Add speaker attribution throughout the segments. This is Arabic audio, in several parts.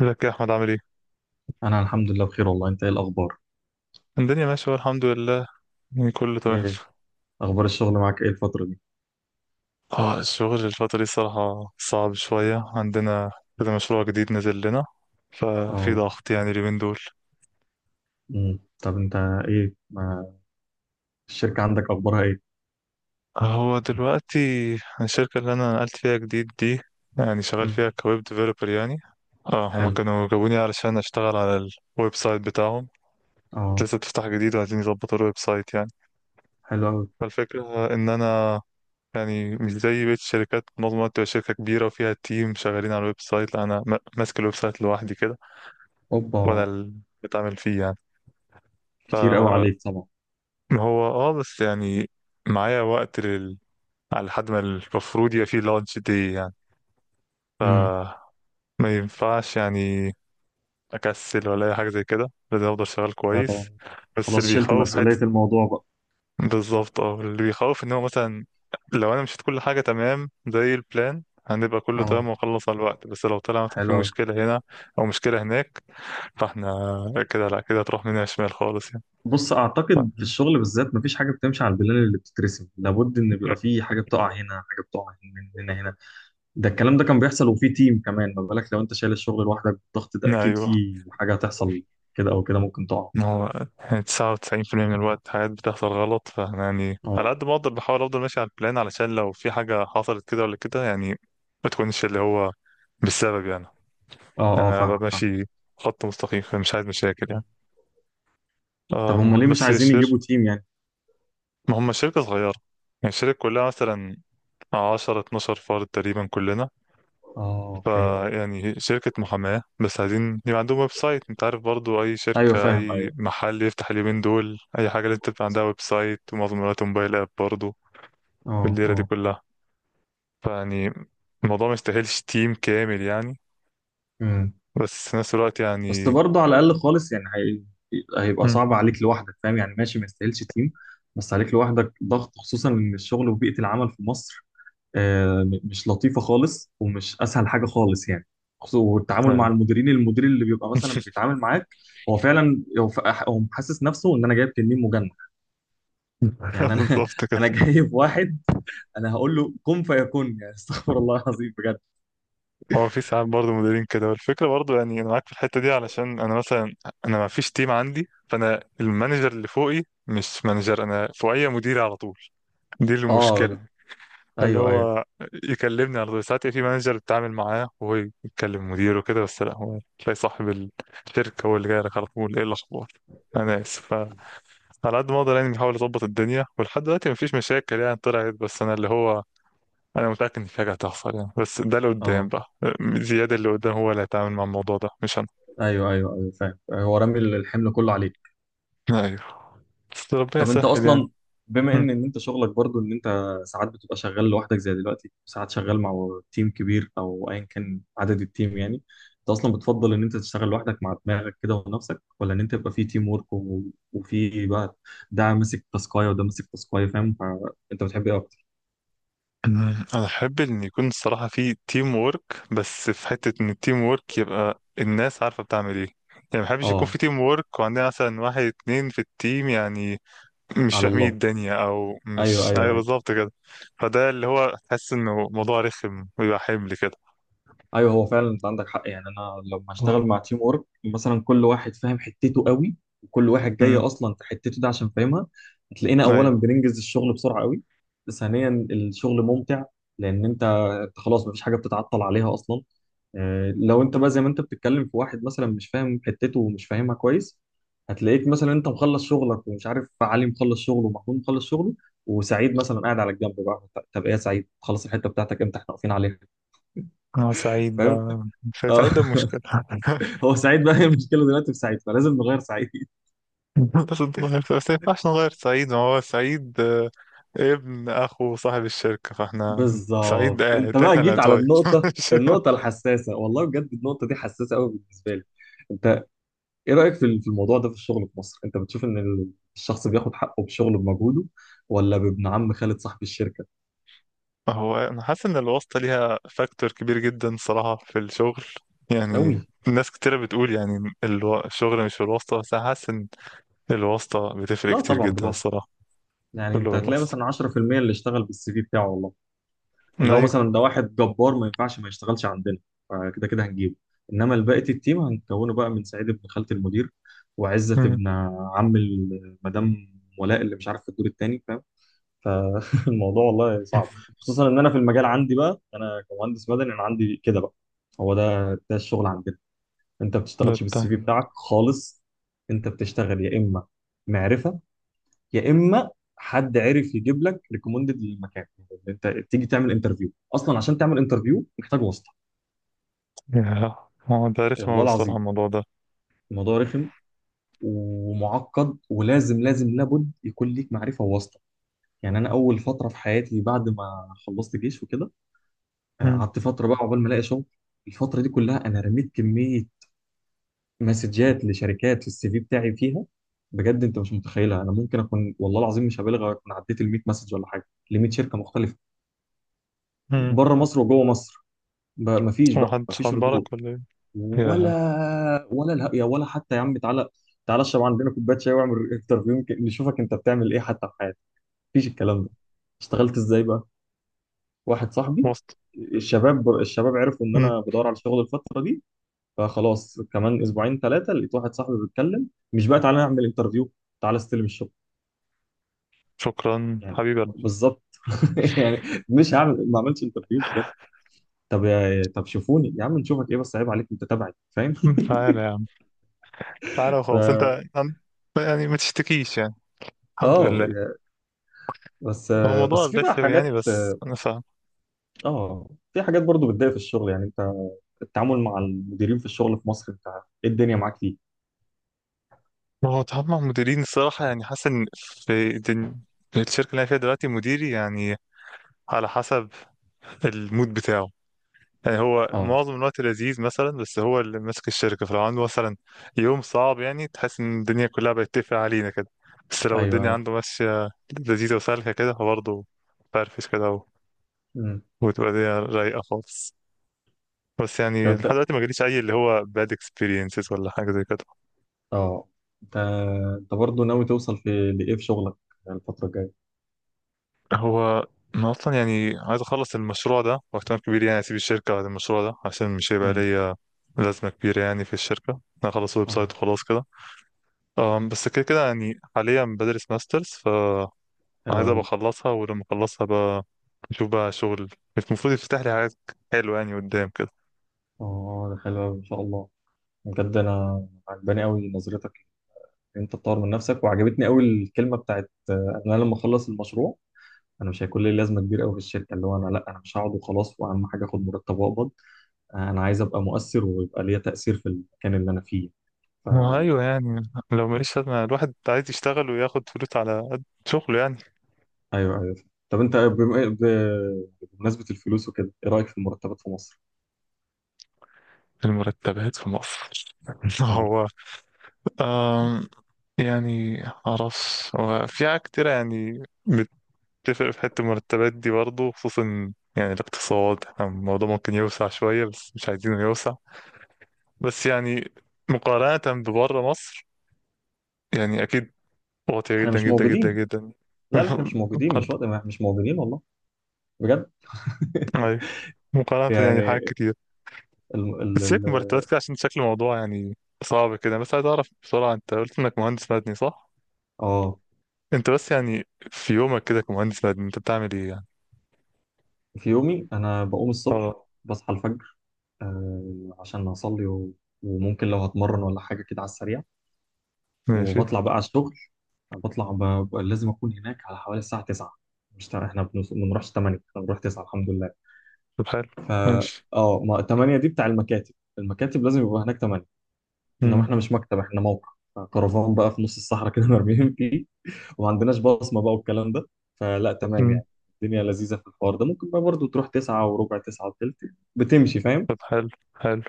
Speaker 1: ازيك يا احمد، عامل ايه؟
Speaker 2: انا الحمد لله بخير والله. انت ايه الاخبار؟
Speaker 1: الدنيا ماشيه والله، الحمد لله. يعني كله تمام.
Speaker 2: ايه اخبار الشغل معاك ايه الفتره دي؟
Speaker 1: اه، الشغل الفتره دي صراحه صعب شويه عندنا كده. مشروع جديد نزل لنا، ففي
Speaker 2: اه.
Speaker 1: ضغط يعني اليومين دول.
Speaker 2: طب انت ايه ما الشركه عندك اخبارها ايه؟
Speaker 1: هو دلوقتي الشركه اللي انا نقلت فيها جديد دي، يعني شغال
Speaker 2: امم.
Speaker 1: فيها كويب ديفلوبر يعني. اه، هما
Speaker 2: حلو.
Speaker 1: كانوا جابوني علشان اشتغل على الويب سايت بتاعهم.
Speaker 2: اه.
Speaker 1: لسه بتفتح جديد وعايزين يظبطوا الويب سايت يعني.
Speaker 2: حلو قوي.
Speaker 1: فالفكره ان انا يعني مش زي بقية الشركات منظمة تبقى شركة كبيرة وفيها تيم شغالين على الويب سايت. لا، أنا ماسك الويب سايت لوحدي كده. وأنا
Speaker 2: اوبا،
Speaker 1: اللي بتعمل فيه يعني. ف
Speaker 2: كتير قوي عليك طبعا.
Speaker 1: هو بس يعني معايا وقت على لحد ما المفروض يبقى فيه لانش دي يعني. ف
Speaker 2: امم.
Speaker 1: ما ينفعش يعني أكسل ولا أي حاجة زي كده، لازم أفضل شغال
Speaker 2: ايوه
Speaker 1: كويس.
Speaker 2: طبعا.
Speaker 1: بس
Speaker 2: خلاص،
Speaker 1: اللي
Speaker 2: شلت
Speaker 1: بيخوف
Speaker 2: مسؤوليه
Speaker 1: حتة،
Speaker 2: الموضوع بقى.
Speaker 1: بالظبط، اللي بيخوف ان هو مثلا لو انا مشيت كل حاجه تمام زي البلان هنبقى كله
Speaker 2: اه.
Speaker 1: تمام ونخلص على الوقت. بس لو طلع مثلا في
Speaker 2: حلو قوي.
Speaker 1: مشكله هنا او مشكله هناك، فاحنا كده لا كده هتروح مننا شمال خالص يعني.
Speaker 2: بص،
Speaker 1: ف-
Speaker 2: اعتقد في الشغل بالذات مفيش حاجه بتمشي على البلان اللي بتترسم، لابد ان بيبقى في حاجه بتقع هنا، حاجه بتقع هنا هنا هنا. ده الكلام ده كان بيحصل وفي تيم كمان، ما بالك لو انت شايل الشغل لوحدك بالضغط ده، اكيد
Speaker 1: ايوه.
Speaker 2: في حاجه هتحصل كده او كده، ممكن تقع.
Speaker 1: ما هو يعني 99% من الوقت حاجات بتحصل غلط. فاحنا يعني على
Speaker 2: اه
Speaker 1: قد ما اقدر بحاول افضل ماشي على البلان، علشان لو في حاجه حصلت كده ولا كده يعني ما تكونش اللي هو بالسبب يعني.
Speaker 2: اه اه،
Speaker 1: انا ببقى
Speaker 2: فاهمك فاهم.
Speaker 1: ماشي خط مستقيم، فمش عايز مشاكل يعني.
Speaker 2: طب هم ليه مش
Speaker 1: بس هي
Speaker 2: عايزين
Speaker 1: الشركة،
Speaker 2: يجيبوا تيم يعني؟
Speaker 1: ما هم شركة صغيرة. يعني الشركة كلها مثلا عشرة اتناشر فرد تقريبا كلنا.
Speaker 2: اه اوكي.
Speaker 1: فيعني شركة محاماة، بس عايزين يبقى عندهم ويب سايت. انت عارف برضو، أي
Speaker 2: ايوه
Speaker 1: شركة
Speaker 2: فاهم.
Speaker 1: أي
Speaker 2: ايوه.
Speaker 1: محل يفتح اليومين دول أي حاجة لازم تبقى عندها ويب سايت ومعظم الوقت موبايل آب برضو
Speaker 2: اه
Speaker 1: بالليلة دي
Speaker 2: اه.
Speaker 1: كلها. فيعني الموضوع ما يستاهلش تيم كامل يعني.
Speaker 2: امم.
Speaker 1: بس في نفس الوقت
Speaker 2: بس
Speaker 1: يعني.
Speaker 2: برضه على الاقل خالص، يعني هيبقى
Speaker 1: مم.
Speaker 2: صعب عليك لوحدك فاهم يعني، ماشي ما يستاهلش تيم، بس عليك لوحدك ضغط، خصوصا ان الشغل وبيئه العمل في مصر مش لطيفه خالص ومش اسهل حاجه خالص يعني. والتعامل مع
Speaker 1: أيوة.
Speaker 2: المديرين، المدير اللي بيبقى مثلا بيتعامل معاك هو فعلا هو ف- هو حاسس نفسه ان انا جايب تنين مجنح. يعني انا
Speaker 1: بالظبط كده.
Speaker 2: انا جايب واحد، انا هقول له كن فيكون يعني. استغفر الله العظيم بجد.
Speaker 1: هو في ساعات برضه مديرين كده، والفكرة برضه يعني أنا معاك في الحتة دي. علشان أنا مثلا أنا ما فيش تيم عندي، فأنا المانجر اللي فوقي مش مانجر، أنا فوقي مديري على طول. دي
Speaker 2: اه
Speaker 1: المشكلة. اللي
Speaker 2: ايوه ايوه.
Speaker 1: هو يكلمني على طول. ساعات في مانجر بتعامل معاه وهو يتكلم مديره وكده، بس لا، هو تلاقي صاحب الشركة هو اللي جاي لك على طول، إيه الأخبار؟ أنا آسف. فعلى قد ما أقدر يعني بحاول أظبط الدنيا، ولحد دلوقتي مفيش مشاكل يعني طلعت. بس أنا اللي هو انا متاكد ان في حاجه هتحصل يعني، بس ده اللي قدام
Speaker 2: اه
Speaker 1: بقى. زياد اللي قدام هو اللي هيتعامل مع الموضوع ده مش انا.
Speaker 2: ايوه ايوه ايوه فاهم، هو رامي الحمل كله عليك.
Speaker 1: ايوه، بس ربنا
Speaker 2: طب انت
Speaker 1: يسهل يعني.
Speaker 2: اصلا، بما
Speaker 1: مم.
Speaker 2: ان انت شغلك برضو ان انت ساعات بتبقى شغال لوحدك زي دلوقتي، ساعات شغال مع تيم كبير او ايا كان عدد التيم يعني، انت اصلا بتفضل ان انت تشتغل لوحدك مع دماغك كده ونفسك، ولا ان انت يبقى في تيم ورك وفي بقى ده ماسك تاسكايه وده ماسك تاسكايه فاهم؟ فانت بتحب ايه اكتر؟
Speaker 1: مم. انا احب ان يكون الصراحه في تيم وورك. بس في حته ان التيم وورك يبقى الناس عارفه بتعمل ايه يعني. ما بحبش يكون
Speaker 2: اه
Speaker 1: في تيم وورك وعندنا مثلا واحد اتنين في التيم يعني مش
Speaker 2: على
Speaker 1: فاهمين
Speaker 2: الله.
Speaker 1: الدنيا او مش،
Speaker 2: ايوه
Speaker 1: ايوه
Speaker 2: ايوه
Speaker 1: بالظبط كده. فده اللي هو حاسس انه موضوع رخم ويبقى حمل كده.
Speaker 2: ايوه. هو فعلا انت عندك حق، يعني انا لما اشتغل
Speaker 1: أوه.
Speaker 2: مع تيم ورك مثلا كل واحد فاهم حتته قوي، وكل واحد جاي
Speaker 1: مم.
Speaker 2: اصلا في حتته ده عشان فاهمها، هتلاقينا اولا
Speaker 1: ايوه.
Speaker 2: بننجز الشغل بسرعه قوي، ثانيا الشغل ممتع، لان أنت خلاص مفيش حاجه بتتعطل عليها اصلا. لو انت بقى زي ما انت بتتكلم في واحد مثلا مش فاهم حتته ومش فاهمها كويس، هتلاقيك مثلا انت مخلص شغلك، ومش عارف علي مخلص شغله، ومحمود مخلص شغله، وسعيد مثلا قاعد على الجنب بقى. طب ايه يا سعيد، خلص الحته بتاعتك امتى، احنا واقفين عليها.
Speaker 1: انا سعيد
Speaker 2: فاهم؟
Speaker 1: بقى مش
Speaker 2: اه
Speaker 1: سعيد، ده مشكلة.
Speaker 2: هو سعيد بقى، هي المشكله دلوقتي في سعيد، فلازم نغير سعيد.
Speaker 1: لازم نغير. بس ما ينفعش نغير سعيد، ما هو سعيد ابن اخو صاحب الشركة، فاحنا سعيد
Speaker 2: بالظبط، انت
Speaker 1: قاعد، احنا
Speaker 2: بقى
Speaker 1: اللي
Speaker 2: جيت على
Speaker 1: هنتغير.
Speaker 2: النقطه
Speaker 1: مش-
Speaker 2: النقطه الحساسه. والله بجد النقطه دي حساسه قوي بالنسبه لي. انت ايه رايك في في الموضوع ده؟ في الشغل في مصر انت بتشوف ان الشخص بياخد حقه بشغله بمجهوده، ولا بابن عم خالد صاحب الشركه؟
Speaker 1: هو انا حاسس ان الواسطة ليها فاكتور كبير جدا صراحة في الشغل يعني.
Speaker 2: قوي.
Speaker 1: ناس كتيرة بتقول يعني الشغل مش في الواسطة، بس انا حاسس ان الواسطة بتفرق
Speaker 2: لا
Speaker 1: كتير
Speaker 2: طبعا
Speaker 1: جدا
Speaker 2: بالواسطه.
Speaker 1: الصراحة.
Speaker 2: يعني انت
Speaker 1: كله
Speaker 2: هتلاقي
Speaker 1: الواسطة.
Speaker 2: مثلا 10% اللي اشتغل بالسي في بتاعه والله، اللي هو
Speaker 1: ايوه.
Speaker 2: مثلا ده واحد جبار ما ينفعش ما يشتغلش عندنا، فكده كده هنجيبه، انما بقيه التيم هنكونه بقى من سعيد ابن خالة المدير، وعزت
Speaker 1: مم.
Speaker 2: ابن عم مدام ولاء اللي مش عارف في الدور التاني فاهم. فالموضوع والله صعب، خصوصا ان انا في المجال عندي بقى، انا كمهندس مدني انا عندي كده بقى. هو ده الشغل عندنا، انت ما
Speaker 1: ده
Speaker 2: بتشتغلش بالسي
Speaker 1: التاني.
Speaker 2: في
Speaker 1: مم.
Speaker 2: بتاعك خالص. انت بتشتغل يا اما معرفه، يا اما حد عرف يجيب لك ريكومندد للمكان، يعني انت تيجي تعمل انترفيو اصلا عشان تعمل انترفيو محتاج واسطه.
Speaker 1: يا، هو ده رخم
Speaker 2: والله
Speaker 1: أوي الصراحة
Speaker 2: العظيم
Speaker 1: الموضوع ده.
Speaker 2: الموضوع رخم ومعقد، ولازم لازم لابد يكون ليك معرفه وواسطه. يعني انا اول فتره في حياتي بعد ما خلصت جيش وكده،
Speaker 1: مم.
Speaker 2: قعدت فتره بقى عقبال ما الاقي شغل. الفتره دي كلها انا رميت كميه مسجات لشركات في السي في بتاعي فيها. بجد انت مش متخيلها، انا ممكن اكون والله العظيم مش هبالغ اكون عديت ال 100 مسج ولا حاجه، ل 100 شركه مختلفه،
Speaker 1: مم.
Speaker 2: بره مصر وجوه مصر. ما مفيش
Speaker 1: هو
Speaker 2: بقى،
Speaker 1: محدش
Speaker 2: مفيش ردود.
Speaker 1: عبرك ولا ايه؟ يا.
Speaker 2: ولا الهق يا ولا، حتى يا عم تعالى تعالى اشرب عندنا كوبايه شاي واعمل انترفيو، يمكن نشوفك انت بتعمل ايه حتى في حياتك. مفيش الكلام ده. اشتغلت ازاي بقى؟ واحد صاحبي،
Speaker 1: واسطة.
Speaker 2: الشباب عرفوا ان انا بدور على شغل الفتره دي، فخلاص كمان اسبوعين ثلاثه لقيت واحد صاحبي بيتكلم، مش بقى تعالى نعمل انترفيو، تعالى استلم الشغل.
Speaker 1: شكرا
Speaker 2: يعني
Speaker 1: حبيبي. قلبي.
Speaker 2: بالظبط يعني، مش هعمل، ما عملتش انترفيو بجد. طب طب شوفوني يا عم، نشوفك ايه بس، عيب عليك انت تبعي فاهم.
Speaker 1: تعالى يا عم، تعالى
Speaker 2: ف-
Speaker 1: وخلاص انت. عن- يعني ما تشتكيش يعني، الحمد
Speaker 2: اه
Speaker 1: لله.
Speaker 2: بس.
Speaker 1: هو الموضوع
Speaker 2: في بقى
Speaker 1: رخم يعني،
Speaker 2: حاجات،
Speaker 1: بس انا فاهم.
Speaker 2: اه في حاجات برضو بتضايق في الشغل. يعني انت التعامل مع المديرين في الشغل في مصر، انت ايه الدنيا معاك فيه؟
Speaker 1: هو التعامل مع المديرين الصراحة يعني حاسس ان في الشركة اللي انا فيها دلوقتي مديري يعني على حسب المود بتاعه. يعني هو
Speaker 2: اه
Speaker 1: معظم الوقت لذيذ مثلا، بس هو اللي ماسك الشركة، فلو عنده مثلا يوم صعب يعني تحس ان الدنيا كلها بتتقفل علينا كده. بس لو
Speaker 2: ايوه
Speaker 1: الدنيا
Speaker 2: ايوه.
Speaker 1: عنده ماشية لذيذة وسالكة كده، فبرضه فرفش كده،
Speaker 2: امم
Speaker 1: وتبقى دي رايقة خالص. بس
Speaker 2: لو
Speaker 1: يعني لحد
Speaker 2: انت
Speaker 1: دلوقتي ما جاليش أي اللي هو bad experiences ولا حاجة زي كده.
Speaker 2: اه انت انت برضو ناوي توصل في لايه في شغلك الفترة الجاية؟
Speaker 1: هو أنا أصلا يعني عايز أخلص المشروع ده، واحتمال كبير يعني أسيب الشركة بعد المشروع ده، عشان مش هيبقى
Speaker 2: امم.
Speaker 1: ليا لازمة كبيرة يعني في الشركة. أنا أخلص ويب
Speaker 2: اه
Speaker 1: سايت وخلاص كده. بس كده كده يعني حاليا بدرس ماسترز، فعايز
Speaker 2: حلو
Speaker 1: أبقى
Speaker 2: قوي.
Speaker 1: أخلصها. ولما أخلصها بقى نشوف بقى شغل، المفروض يفتح لي حاجات حلوة يعني قدام كده.
Speaker 2: اه ده حلو قوي ان شاء الله. بجد انا عجباني قوي نظرتك، ان انت تطور من نفسك. وعجبتني قوي الكلمه بتاعت انا لما اخلص المشروع انا مش هيكون لي لازمه كبيره قوي في الشركه، اللي هو انا مش هقعد وخلاص واهم حاجه اخد مرتب واقبض، انا عايز ابقى مؤثر ويبقى ليا تأثير في المكان اللي انا فيه.
Speaker 1: ما هو أيوه يعني، لو ماليش لازمة الواحد عايز يشتغل وياخد فلوس على قد شغله يعني.
Speaker 2: فايوه ايوه. طب انت بمناسبة الفلوس وكده، ايه رأيك في المرتبات في مصر؟
Speaker 1: المرتبات في مصر.
Speaker 2: اه.
Speaker 1: هو آم، يعني معرفش، هو في حاجات كتيرة يعني بتفرق في حتة المرتبات دي برضه. خصوصا يعني الاقتصاد، احنا الموضوع ممكن يوسع شوية بس مش عايزينه يوسع. بس يعني مقارنة ببره مصر، يعني أكيد واطية
Speaker 2: احنا
Speaker 1: جدا
Speaker 2: مش
Speaker 1: جدا جدا
Speaker 2: موجودين،
Speaker 1: جدا.
Speaker 2: لا لا احنا مش موجودين،
Speaker 1: مقارنة.
Speaker 2: مش وقت، مش موجودين والله. بجد
Speaker 1: أيوه، مقارنة يعني
Speaker 2: يعني
Speaker 1: حاجات كتير.
Speaker 2: ال ال
Speaker 1: بس
Speaker 2: ال
Speaker 1: هيك مرتبات كده عشان شكل الموضوع يعني صعب كده. بس عايز أعرف بسرعة، أنت قلت إنك مهندس مدني صح؟
Speaker 2: اه
Speaker 1: انت بس يعني في يومك كده كمهندس مدني انت بتعمل ايه يعني؟
Speaker 2: في يومي انا بقوم الصبح،
Speaker 1: اه.
Speaker 2: بصحى الفجر آه عشان اصلي وممكن لو هتمرن ولا حاجة كده على السريع،
Speaker 1: ماشي.
Speaker 2: وبطلع بقى على الشغل. بطلع لازم اكون هناك على حوالي الساعه 9. مش تع- احنا بنوص- ما بنروحش 8، احنا بنروح 9 الحمد لله.
Speaker 1: طب حلو.
Speaker 2: ف
Speaker 1: ماشي.
Speaker 2: اه ما 8 دي بتاع المكاتب، المكاتب لازم يبقى هناك 8، انما
Speaker 1: امم.
Speaker 2: احنا مش مكتب، احنا موقع. كرفان بقى في نص الصحراء كده مرميين فيه، وما عندناش بصمه بقى والكلام ده، فلا تمام
Speaker 1: امم.
Speaker 2: يعني. الدنيا لذيذه في الحوار ده، ممكن بقى برضه تروح 9 وربع، 9 وثلث، بتمشي فاهم.
Speaker 1: طب حلو. حلو.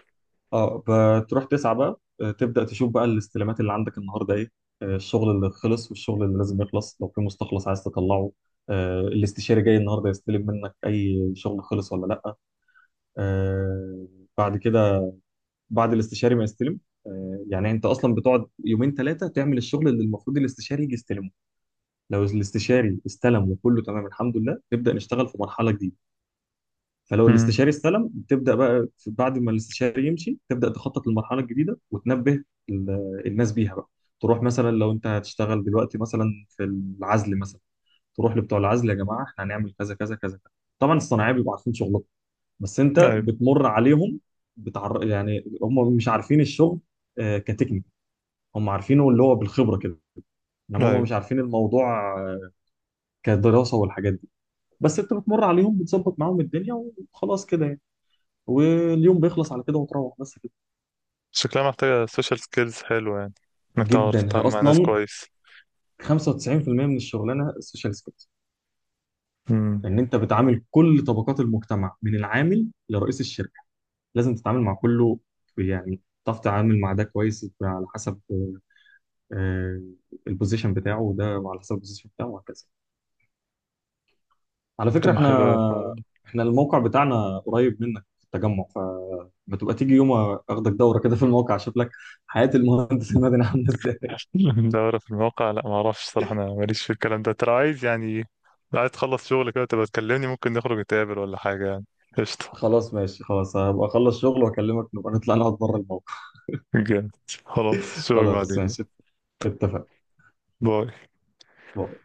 Speaker 2: اه بتروح تسعى بقى، تبدأ تشوف بقى الاستلامات اللي عندك النهارده ايه، الشغل اللي خلص والشغل اللي لازم يخلص، لو في مستخلص عايز تطلعه، الاستشاري جاي النهارده يستلم منك اي شغل خلص ولا لا. آه، بعد كده بعد الاستشاري ما يستلم، يعني انت اصلا بتقعد يومين ثلاثه تعمل الشغل اللي المفروض الاستشاري يجي يستلمه. لو الاستشاري استلم وكله تمام الحمد لله نبدأ نشتغل في مرحلة جديدة. فلو
Speaker 1: امم.
Speaker 2: الاستشاري استلم تبدا بقى بعد ما الاستشاري يمشي تبدا تخطط للمرحله الجديده، وتنبه الناس بيها بقى. تروح مثلا لو انت هتشتغل دلوقتي مثلا في العزل مثلا، تروح لبتوع العزل، يا جماعه احنا هنعمل كذا كذا كذا كذا. طبعا الصناعيه بيبقوا عارفين شغلهم، بس انت
Speaker 1: ايوه.
Speaker 2: بتمر عليهم يعني هم مش عارفين الشغل آه كتكنيك، هم عارفينه اللي هو بالخبره كده، انما هم
Speaker 1: ايوه.
Speaker 2: مش عارفين الموضوع آه كدراسه والحاجات دي. بس انت بتمر عليهم بتظبط معاهم الدنيا وخلاص كده يعني. واليوم بيخلص على كده وتروح، بس كده.
Speaker 1: شكلها محتاجة سوشيال سكيلز حلوة يعني، انك تعرف
Speaker 2: جدا، هي
Speaker 1: تتعامل مع ناس
Speaker 2: اصلا
Speaker 1: كويس.
Speaker 2: 95% من الشغلانه السوشيال سكيلز،
Speaker 1: امم.
Speaker 2: لان انت بتعامل كل طبقات المجتمع من العامل لرئيس الشركه، لازم تتعامل مع كله. يعني تعرف تتعامل مع ده كويس على حسب آه البوزيشن بتاعه، وده وعلى حسب البوزيشن بتاعه وهكذا. على
Speaker 1: طب
Speaker 2: فكره
Speaker 1: ما حلو أوي الحوار
Speaker 2: احنا
Speaker 1: ده.
Speaker 2: احنا الموقع بتاعنا قريب منك في التجمع، فما تبقى تيجي يوم اخدك دوره كده في الموقع، اشوف لك حياه المهندس المدني عامله ازاي.
Speaker 1: دورة في المواقع؟ لا، ما اعرفش صراحة، انا ماليش في الكلام ده. ترى عايز يعني، لو عايز تخلص شغل كده تبقى تكلمني، ممكن نخرج نتقابل ولا حاجة يعني. قشطة.
Speaker 2: خلاص ماشي، خلاص هبقى اخلص شغل واكلمك، نبقى نطلع نقعد بره الموقع.
Speaker 1: جامد. خلاص، اشوفك
Speaker 2: خلاص
Speaker 1: بعدين.
Speaker 2: ماشي، اتفق.
Speaker 1: باي.
Speaker 2: باي.